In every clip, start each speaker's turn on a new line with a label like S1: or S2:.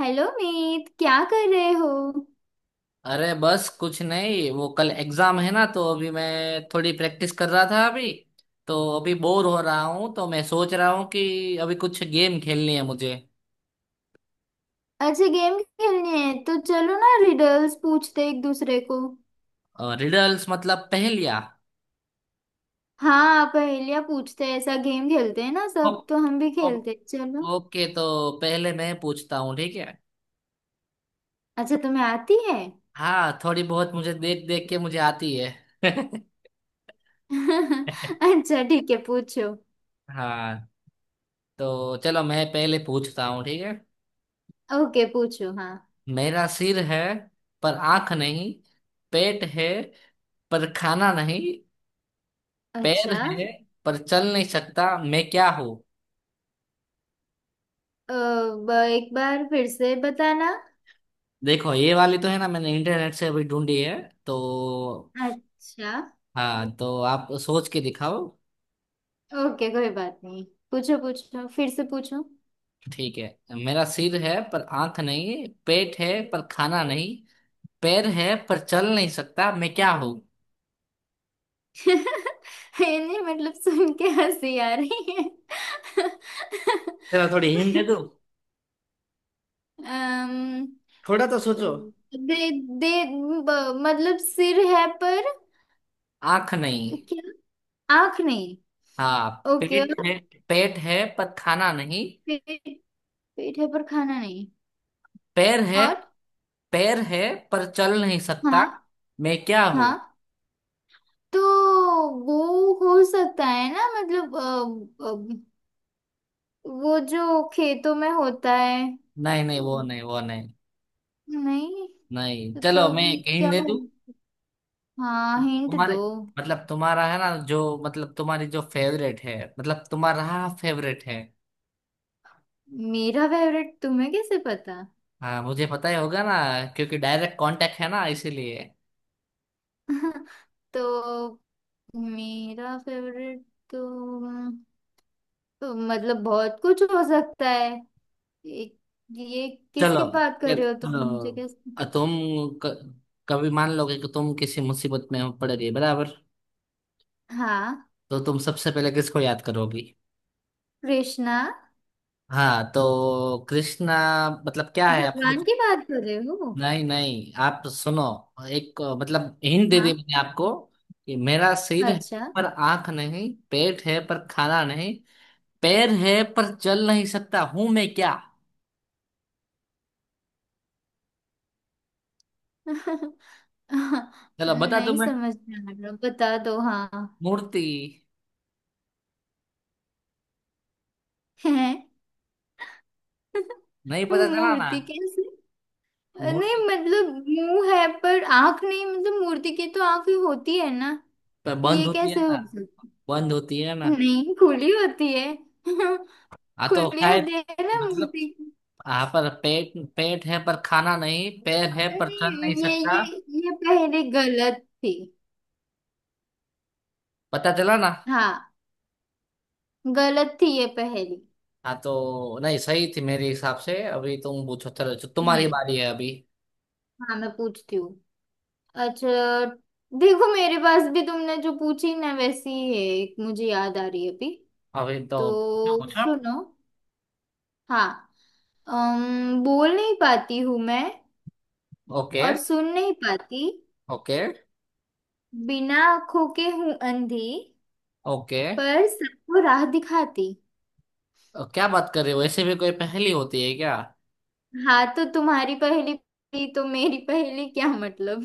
S1: Hello Meet, क्या कर रहे हो।
S2: अरे बस कुछ नहीं, वो कल एग्जाम है ना, तो अभी मैं थोड़ी प्रैक्टिस कर रहा था। अभी तो अभी बोर हो रहा हूँ, तो मैं सोच रहा हूँ कि अभी कुछ गेम खेलनी है मुझे।
S1: अच्छा, गेम खेलनी है तो चलो ना, रिडल्स पूछते हैं एक दूसरे को।
S2: रिडल्स मतलब पहेलियाँ?
S1: हाँ, पहेलियाँ पूछते हैं, ऐसा गेम खेलते हैं ना
S2: ओ,
S1: सब, तो हम भी
S2: ओ,
S1: खेलते हैं, चलो।
S2: ओके, तो पहले मैं पूछता हूँ, ठीक है।
S1: अच्छा, तुम्हें आती है?
S2: हाँ, थोड़ी बहुत, मुझे देख देख के मुझे आती है।
S1: अच्छा, ठीक है, पूछो।
S2: हाँ, तो चलो मैं पहले पूछता हूँ, ठीक है।
S1: ओके, पूछो हाँ।
S2: मेरा सिर है पर आंख नहीं, पेट है पर खाना नहीं, पैर
S1: अच्छा।
S2: है पर चल नहीं सकता, मैं क्या हूँ?
S1: एक बार फिर से बताना।
S2: देखो, ये वाली तो है ना, मैंने इंटरनेट से अभी ढूंढी है, तो।
S1: अच्छा,
S2: हाँ, तो आप सोच के दिखाओ।
S1: ओके, कोई बात नहीं। पूछो पूछो, फिर से पूछो।
S2: ठीक है, मेरा सिर है पर आंख नहीं, पेट है पर खाना नहीं, पैर है पर चल नहीं सकता, मैं क्या हूँ?
S1: ये नहीं, मतलब सुन के हंसी आ रही है।
S2: चलो थोड़ी हिंट दे दूँ,
S1: अम्म,
S2: थोड़ा तो सोचो।
S1: दे दे। ब- मतलब सिर है पर?
S2: आंख नहीं।
S1: क्या? आंख नहीं?
S2: हाँ।
S1: ओके,
S2: पेट
S1: और?
S2: है, पेट है पर खाना नहीं।
S1: पेट पेट है पर खाना नहीं?
S2: पैर है,
S1: और?
S2: पैर है पर चल नहीं सकता।
S1: हाँ।
S2: मैं क्या हूँ?
S1: हाँ तो वो हो सकता है ना, मतलब वो जो खेतों में होता है।
S2: नहीं नहीं, वो
S1: तो,
S2: नहीं, वो नहीं।
S1: नहीं।
S2: नहीं,
S1: तो
S2: चलो
S1: तो
S2: मैं एक हिंट
S1: क्या
S2: दे
S1: है?
S2: दूं।
S1: हाँ, हिंट दो।
S2: तुम्हारे, मतलब तुम्हारा है ना जो, मतलब तुम्हारी जो फेवरेट है, मतलब तुम्हारा फेवरेट है।
S1: मेरा फेवरेट तुम्हें कैसे पता?
S2: हाँ, मुझे पता ही होगा ना, क्योंकि डायरेक्ट कांटेक्ट है ना, इसीलिए।
S1: तो मेरा फेवरेट। तो, अम, तो मतलब बहुत कुछ हो सकता है। एक ये,
S2: चलो
S1: किसकी बात कर रहे हो तुम,
S2: चलो,
S1: मुझे कैसे।
S2: तुम, क, कभी मान लोगे कि तुम किसी मुसीबत में पड़ रही है, बराबर?
S1: हाँ,
S2: तो तुम सबसे पहले किसको याद करोगी?
S1: कृष्णा।
S2: हाँ तो कृष्णा, मतलब क्या है आप?
S1: भगवान की बात कर रहे हो?
S2: नहीं नहीं, आप सुनो, एक मतलब हिंट दे दी
S1: हाँ।
S2: मैंने आपको, कि मेरा सिर है
S1: अच्छा।
S2: पर आंख नहीं, पेट है पर खाना नहीं, पैर है पर चल नहीं सकता हूं, मैं क्या? चलो बता दो।
S1: नहीं
S2: मैं
S1: समझ में आ रहा, बता दो हाँ।
S2: मूर्ति।
S1: है?
S2: नहीं? पता चला ना।
S1: मूर्ति कैसे? नहीं
S2: मूर्ति
S1: मतलब, मुंह है पर आंख नहीं, मतलब मूर्ति की तो आंख ही होती है ना।
S2: पर बंद
S1: ये
S2: होती है
S1: कैसे हो
S2: ना।
S1: सकता।
S2: बंद होती है ना।
S1: नहीं, खुली होती है।
S2: हाँ तो
S1: खुली
S2: शायद।
S1: होती है ना
S2: मतलब,
S1: मूर्ति की।
S2: हाँ, पर पेट पेट है पर खाना नहीं, पैर है पर चल नहीं
S1: नहीं, ये ये,
S2: सकता।
S1: ये पहेली गलत थी।
S2: पता चला ना।
S1: हाँ, गलत थी ये पहेली।
S2: हाँ तो नहीं, सही थी मेरे हिसाब से। अभी तुम पूछो, चलो, जो तुम्हारी
S1: नहीं।
S2: बारी है अभी।
S1: हाँ, मैं पूछती हूँ। अच्छा, देखो मेरे पास भी, तुमने जो पूछी ना वैसी ही है, एक मुझे याद आ रही है अभी।
S2: अभी तो क्या
S1: तो
S2: पूछा आप?
S1: सुनो। हाँ। बोल नहीं पाती हूँ मैं,
S2: ओके।
S1: और सुन नहीं पाती।
S2: ओके।
S1: बिना आंखों के हूं अंधी,
S2: ओके।
S1: पर सबको राह दिखाती।
S2: क्या बात कर रहे हो, ऐसे भी कोई पहेली होती है क्या?
S1: हाँ तो तुम्हारी पहेली पहेली तो मेरी पहेली क्या मतलब।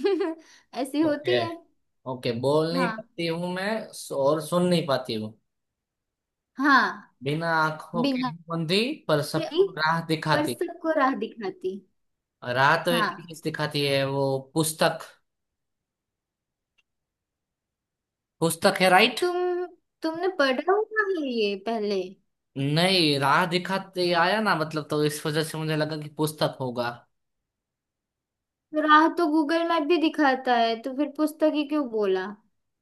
S1: ऐसी होती
S2: ओके,
S1: है।
S2: ओके। बोल नहीं
S1: हाँ
S2: पाती हूँ मैं, और सुन नहीं पाती हूँ।
S1: हाँ।
S2: बिना आंखों के
S1: बिना
S2: हूँ बंदी, पर
S1: पहेली।
S2: सबको राह
S1: पर
S2: दिखाती।
S1: सबको राह दिखाती।
S2: राह तो एक ही
S1: हाँ।
S2: चीज दिखाती है, वो पुस्तक। पुस्तक है, राइट?
S1: तुम, तुमने पढ़ा हुआ है ये पहले?
S2: नहीं, राह दिखाते आया ना, मतलब तो इस वजह से मुझे लगा कि पुस्तक होगा।
S1: तो राह तो गूगल मैप भी दिखाता है, तो फिर पुस्तक ही क्यों बोला?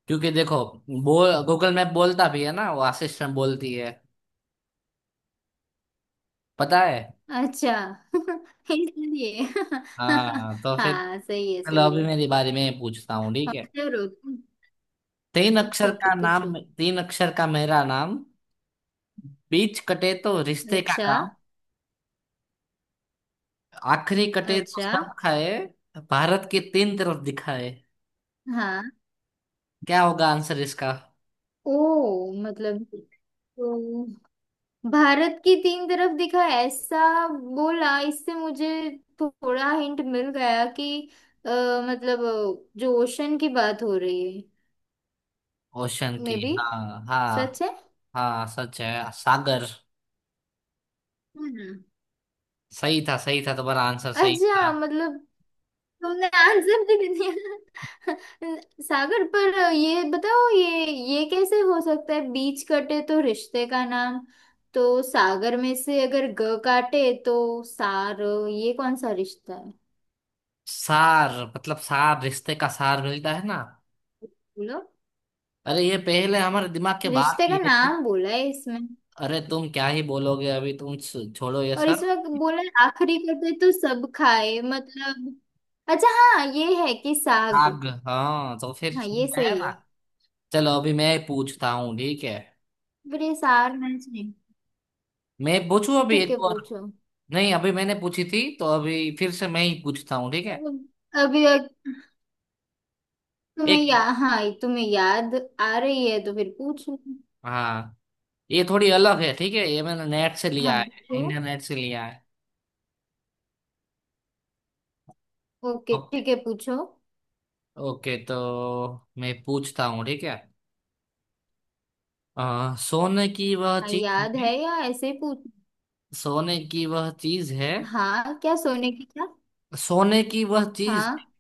S2: क्योंकि देखो, बोल, गूगल मैप बोलता भी है ना, वो असिस्टेंट बोलती है, पता है।
S1: अच्छा। इसलिए।
S2: हाँ तो फिर।
S1: हाँ, सही है
S2: चलो
S1: सही
S2: अभी
S1: है।
S2: मेरी बारी में पूछता हूँ, ठीक
S1: हाँ,
S2: है।
S1: जरूर
S2: तीन अक्षर
S1: ठीक है,
S2: का नाम,
S1: पूछो।
S2: तीन अक्षर का मेरा नाम, बीच कटे तो रिश्ते का
S1: अच्छा।
S2: काम, आखिरी कटे तो
S1: अच्छा।
S2: सब खाए, भारत की तीन तरफ दिखाए।
S1: हाँ।
S2: क्या होगा आंसर इसका?
S1: ओ मतलब, तो भारत की तीन तरफ दिखा ऐसा बोला, इससे मुझे थोड़ा हिंट मिल गया कि अ, मतलब जो ओशन की बात हो रही है।
S2: ओशन
S1: मे
S2: की,
S1: बी।
S2: हाँ
S1: सच
S2: हाँ
S1: है।
S2: हाँ। सच है, सागर।
S1: हम्म।
S2: सही था, सही था, तुम्हारा आंसर सही था।
S1: अच्छा मतलब, तुमने आंसर भी दे दिया। सागर, पर ये बताओ ये कैसे हो सकता है, बीच कटे तो रिश्ते का नाम, तो सागर में से अगर ग काटे तो सार, ये कौन सा रिश्ता है?
S2: सार मतलब सार, रिश्ते का सार मिलता है ना।
S1: बोलो।
S2: अरे ये पहले हमारे दिमाग के बाहर
S1: रिश्ते का
S2: की है, तो।
S1: नाम बोला है इसमें।
S2: अरे तुम क्या ही बोलोगे, अभी तुम छोड़ो ये
S1: और
S2: सब।
S1: इसमें बोला है आखिरी कटे तो सब खाए, मतलब। अच्छा, हाँ, ये है कि साग।
S2: आग, हाँ तो फिर
S1: हाँ,
S2: समझ
S1: ये
S2: में आया
S1: सही
S2: ना।
S1: है।
S2: चलो अभी मैं पूछता हूँ, ठीक है।
S1: पर ये सार मैच नहीं।
S2: मैं पूछूं अभी
S1: ठीक है,
S2: एक और।
S1: पूछो।
S2: नहीं, अभी मैंने पूछी थी तो अभी फिर से मैं ही पूछता हूँ, ठीक है।
S1: अब-, अभी तुम्हें
S2: एक।
S1: या, हाँ तुम्हें याद आ रही है तो फिर पूछो।
S2: हाँ, ये थोड़ी अलग है, ठीक है, ये मैंने नेट से
S1: हाँ
S2: लिया है,
S1: पूछो।
S2: इंटरनेट से लिया है।
S1: Okay
S2: okay.
S1: ठीक है पूछो।
S2: ओके, तो मैं पूछता हूँ, ठीक है। सोने की वह
S1: हाँ,
S2: चीज
S1: याद
S2: है,
S1: है या ऐसे ही पूछ।
S2: सोने की वह चीज है,
S1: हाँ, क्या सोने की क्या?
S2: सोने की वह चीज,
S1: हाँ।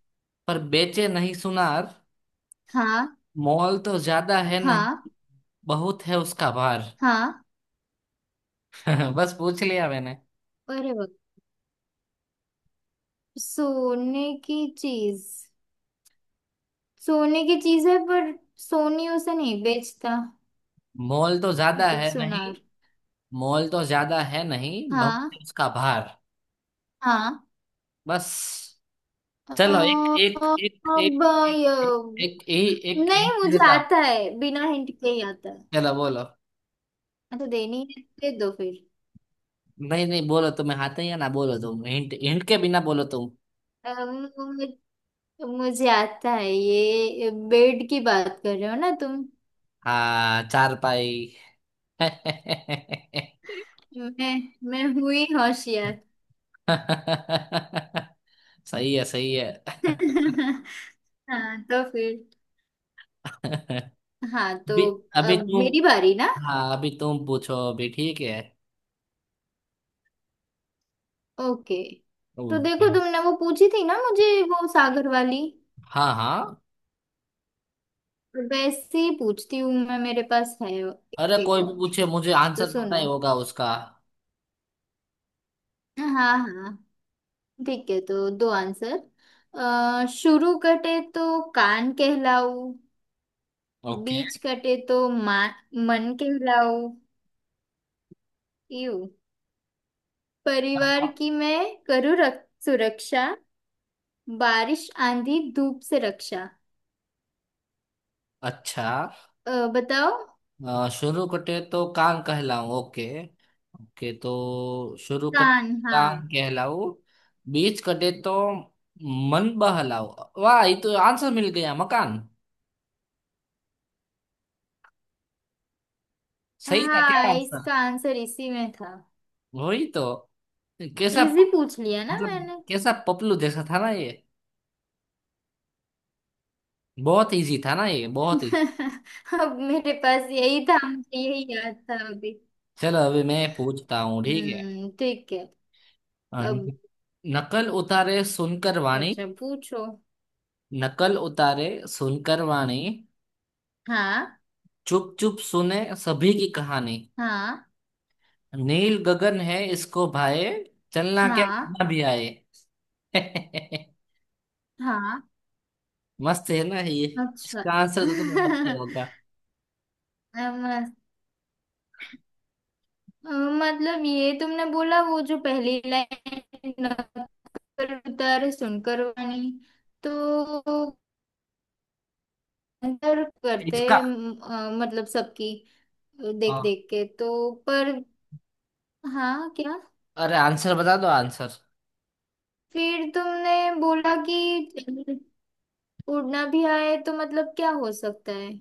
S2: पर बेचे नहीं सुनार,
S1: हाँ।
S2: मोल तो ज्यादा है नहीं,
S1: हाँ।
S2: बहुत है उसका भार।
S1: हाँ।
S2: बस, पूछ लिया मैंने।
S1: अरे वाह। सोने की चीज। सोने की चीज है पर सोनी उसे नहीं बेचता,
S2: मोल तो ज्यादा
S1: मतलब
S2: है नहीं,
S1: सुनार।
S2: मोल तो ज्यादा है नहीं, बहुत
S1: हाँ।
S2: है उसका भार,
S1: हाँ।
S2: बस। चलो,
S1: अब,
S2: एक एक
S1: ये-,
S2: एक एक एक
S1: नहीं
S2: हिंट
S1: मुझे
S2: देता हूँ।
S1: आता है, बिना हिंट के ही आता है।
S2: चलो बोलो,
S1: हाँ, तो देनी है दे दो फिर।
S2: नहीं नहीं, बोलो तुम्हें आता ही है ना, बोलो तुम, हिंट, हिंट के बिना बोलो तुम।
S1: अम, मुझे आता है, ये बेड की बात कर रहे हो ना तुम।
S2: हाँ, चार पाई।
S1: मैं मैं हुई होशियार।
S2: सही है, सही है।
S1: हाँ तो फिर। हाँ तो
S2: अभी, अभी
S1: अब
S2: तुम,
S1: मेरी बारी ना।
S2: हाँ, अभी तुम पूछो अभी, ठीक है।
S1: ओके। तो
S2: ओके।
S1: देखो, तुमने वो पूछी थी ना मुझे, वो सागर वाली,
S2: हाँ हाँ,
S1: वैसे ही पूछती हूँ मैं, मेरे पास है
S2: अरे
S1: एक
S2: कोई भी
S1: और।
S2: पूछे मुझे
S1: तो
S2: आंसर पता ही
S1: सुनो।
S2: होगा उसका।
S1: हाँ हाँ। ठीक है, तो दो आंसर। शुरू कटे तो कान कहलाऊ,
S2: ओके।
S1: बीच कटे तो मन कहलाऊ, यू परिवार की मैं करूँ सुरक्षा, बारिश आंधी धूप से रक्षा।
S2: अच्छा,
S1: बताओ।
S2: शुरू कटे तो कान कहलाऊं। ओके। ओके, तो शुरू कट
S1: कान?
S2: कान
S1: हाँ।
S2: कहलाऊं, बीच कटे तो मन बहलाऊं। वाह, ये तो आंसर मिल गया, मकान। सही था क्या
S1: हाँ,
S2: आंसर?
S1: इसका आंसर इसी में था।
S2: वही तो। कैसा,
S1: इजी पूछ लिया ना
S2: मतलब
S1: मैंने।
S2: कैसा पपलू जैसा था ना ये, बहुत इजी था ना ये, बहुत ही।
S1: अब मेरे पास यही था, मुझे यही याद था अभी।
S2: चलो अभी मैं पूछता हूँ, ठीक है।
S1: हम्म, ठीक है।
S2: अ,
S1: अब,
S2: नकल उतारे सुनकर वाणी।
S1: अच्छा पूछो।
S2: नकल उतारे सुनकर वाणी,
S1: हाँ।
S2: चुप चुप सुने सभी की कहानी,
S1: हाँ।
S2: नील गगन है इसको भाए, चलना क्या,
S1: हाँ।
S2: कितना भी आए।
S1: हाँ।
S2: मस्त है ना ये।
S1: अच्छा।
S2: इसका आंसर तो तुम्हें पता ही होगा।
S1: मतलब ये तुमने बोला वो जो पहली लाइन, नक्कर उतारे सुनकर वाणी, तो अंतर करते
S2: इसका?
S1: मतलब सबकी
S2: हाँ,
S1: देख देख के तो। पर। हाँ क्या।
S2: अरे आंसर बता दो, आंसर।
S1: फिर तुमने बोला कि उड़ना भी आए तो मतलब क्या हो सकता है।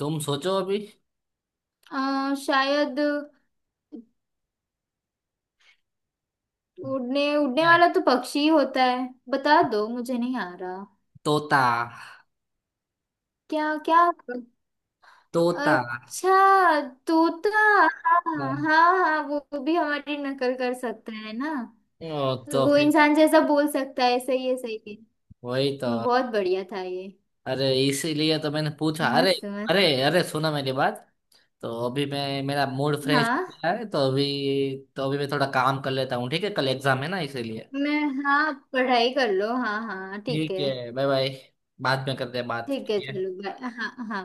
S2: तुम सोचो अभी।
S1: शायद उड़ने उड़ने
S2: क्या?
S1: वाला तो पक्षी ही होता है। बता दो, मुझे नहीं आ रहा।
S2: तोता।
S1: क्या? क्या?
S2: तोता।
S1: अच्छा, तोता। हाँ हाँ
S2: हाँ,
S1: हाँ, वो भी हमारी नकल कर सकता है ना,
S2: ओ, तो
S1: वो
S2: फिर।
S1: इंसान जैसा बोल सकता है। सही है, सही है।
S2: वही तो।
S1: बहुत बढ़िया था ये।
S2: अरे इसीलिए तो मैंने पूछा, अरे,
S1: मस्त मस्त।
S2: अरे, अरे, सुना मेरी बात। तो अभी मैं, मेरा मूड फ्रेश हो
S1: हाँ।
S2: गया है, तो अभी, तो अभी मैं थोड़ा काम कर लेता हूँ, ठीक है, कल एग्जाम है ना, इसीलिए।
S1: मैं, हाँ पढ़ाई कर लो। हाँ हाँ ठीक
S2: ठीक
S1: है।
S2: है, बाय बाय। बाद में करते हैं
S1: ठीक है,
S2: बात।
S1: चलो बाय। हाँ हाँ।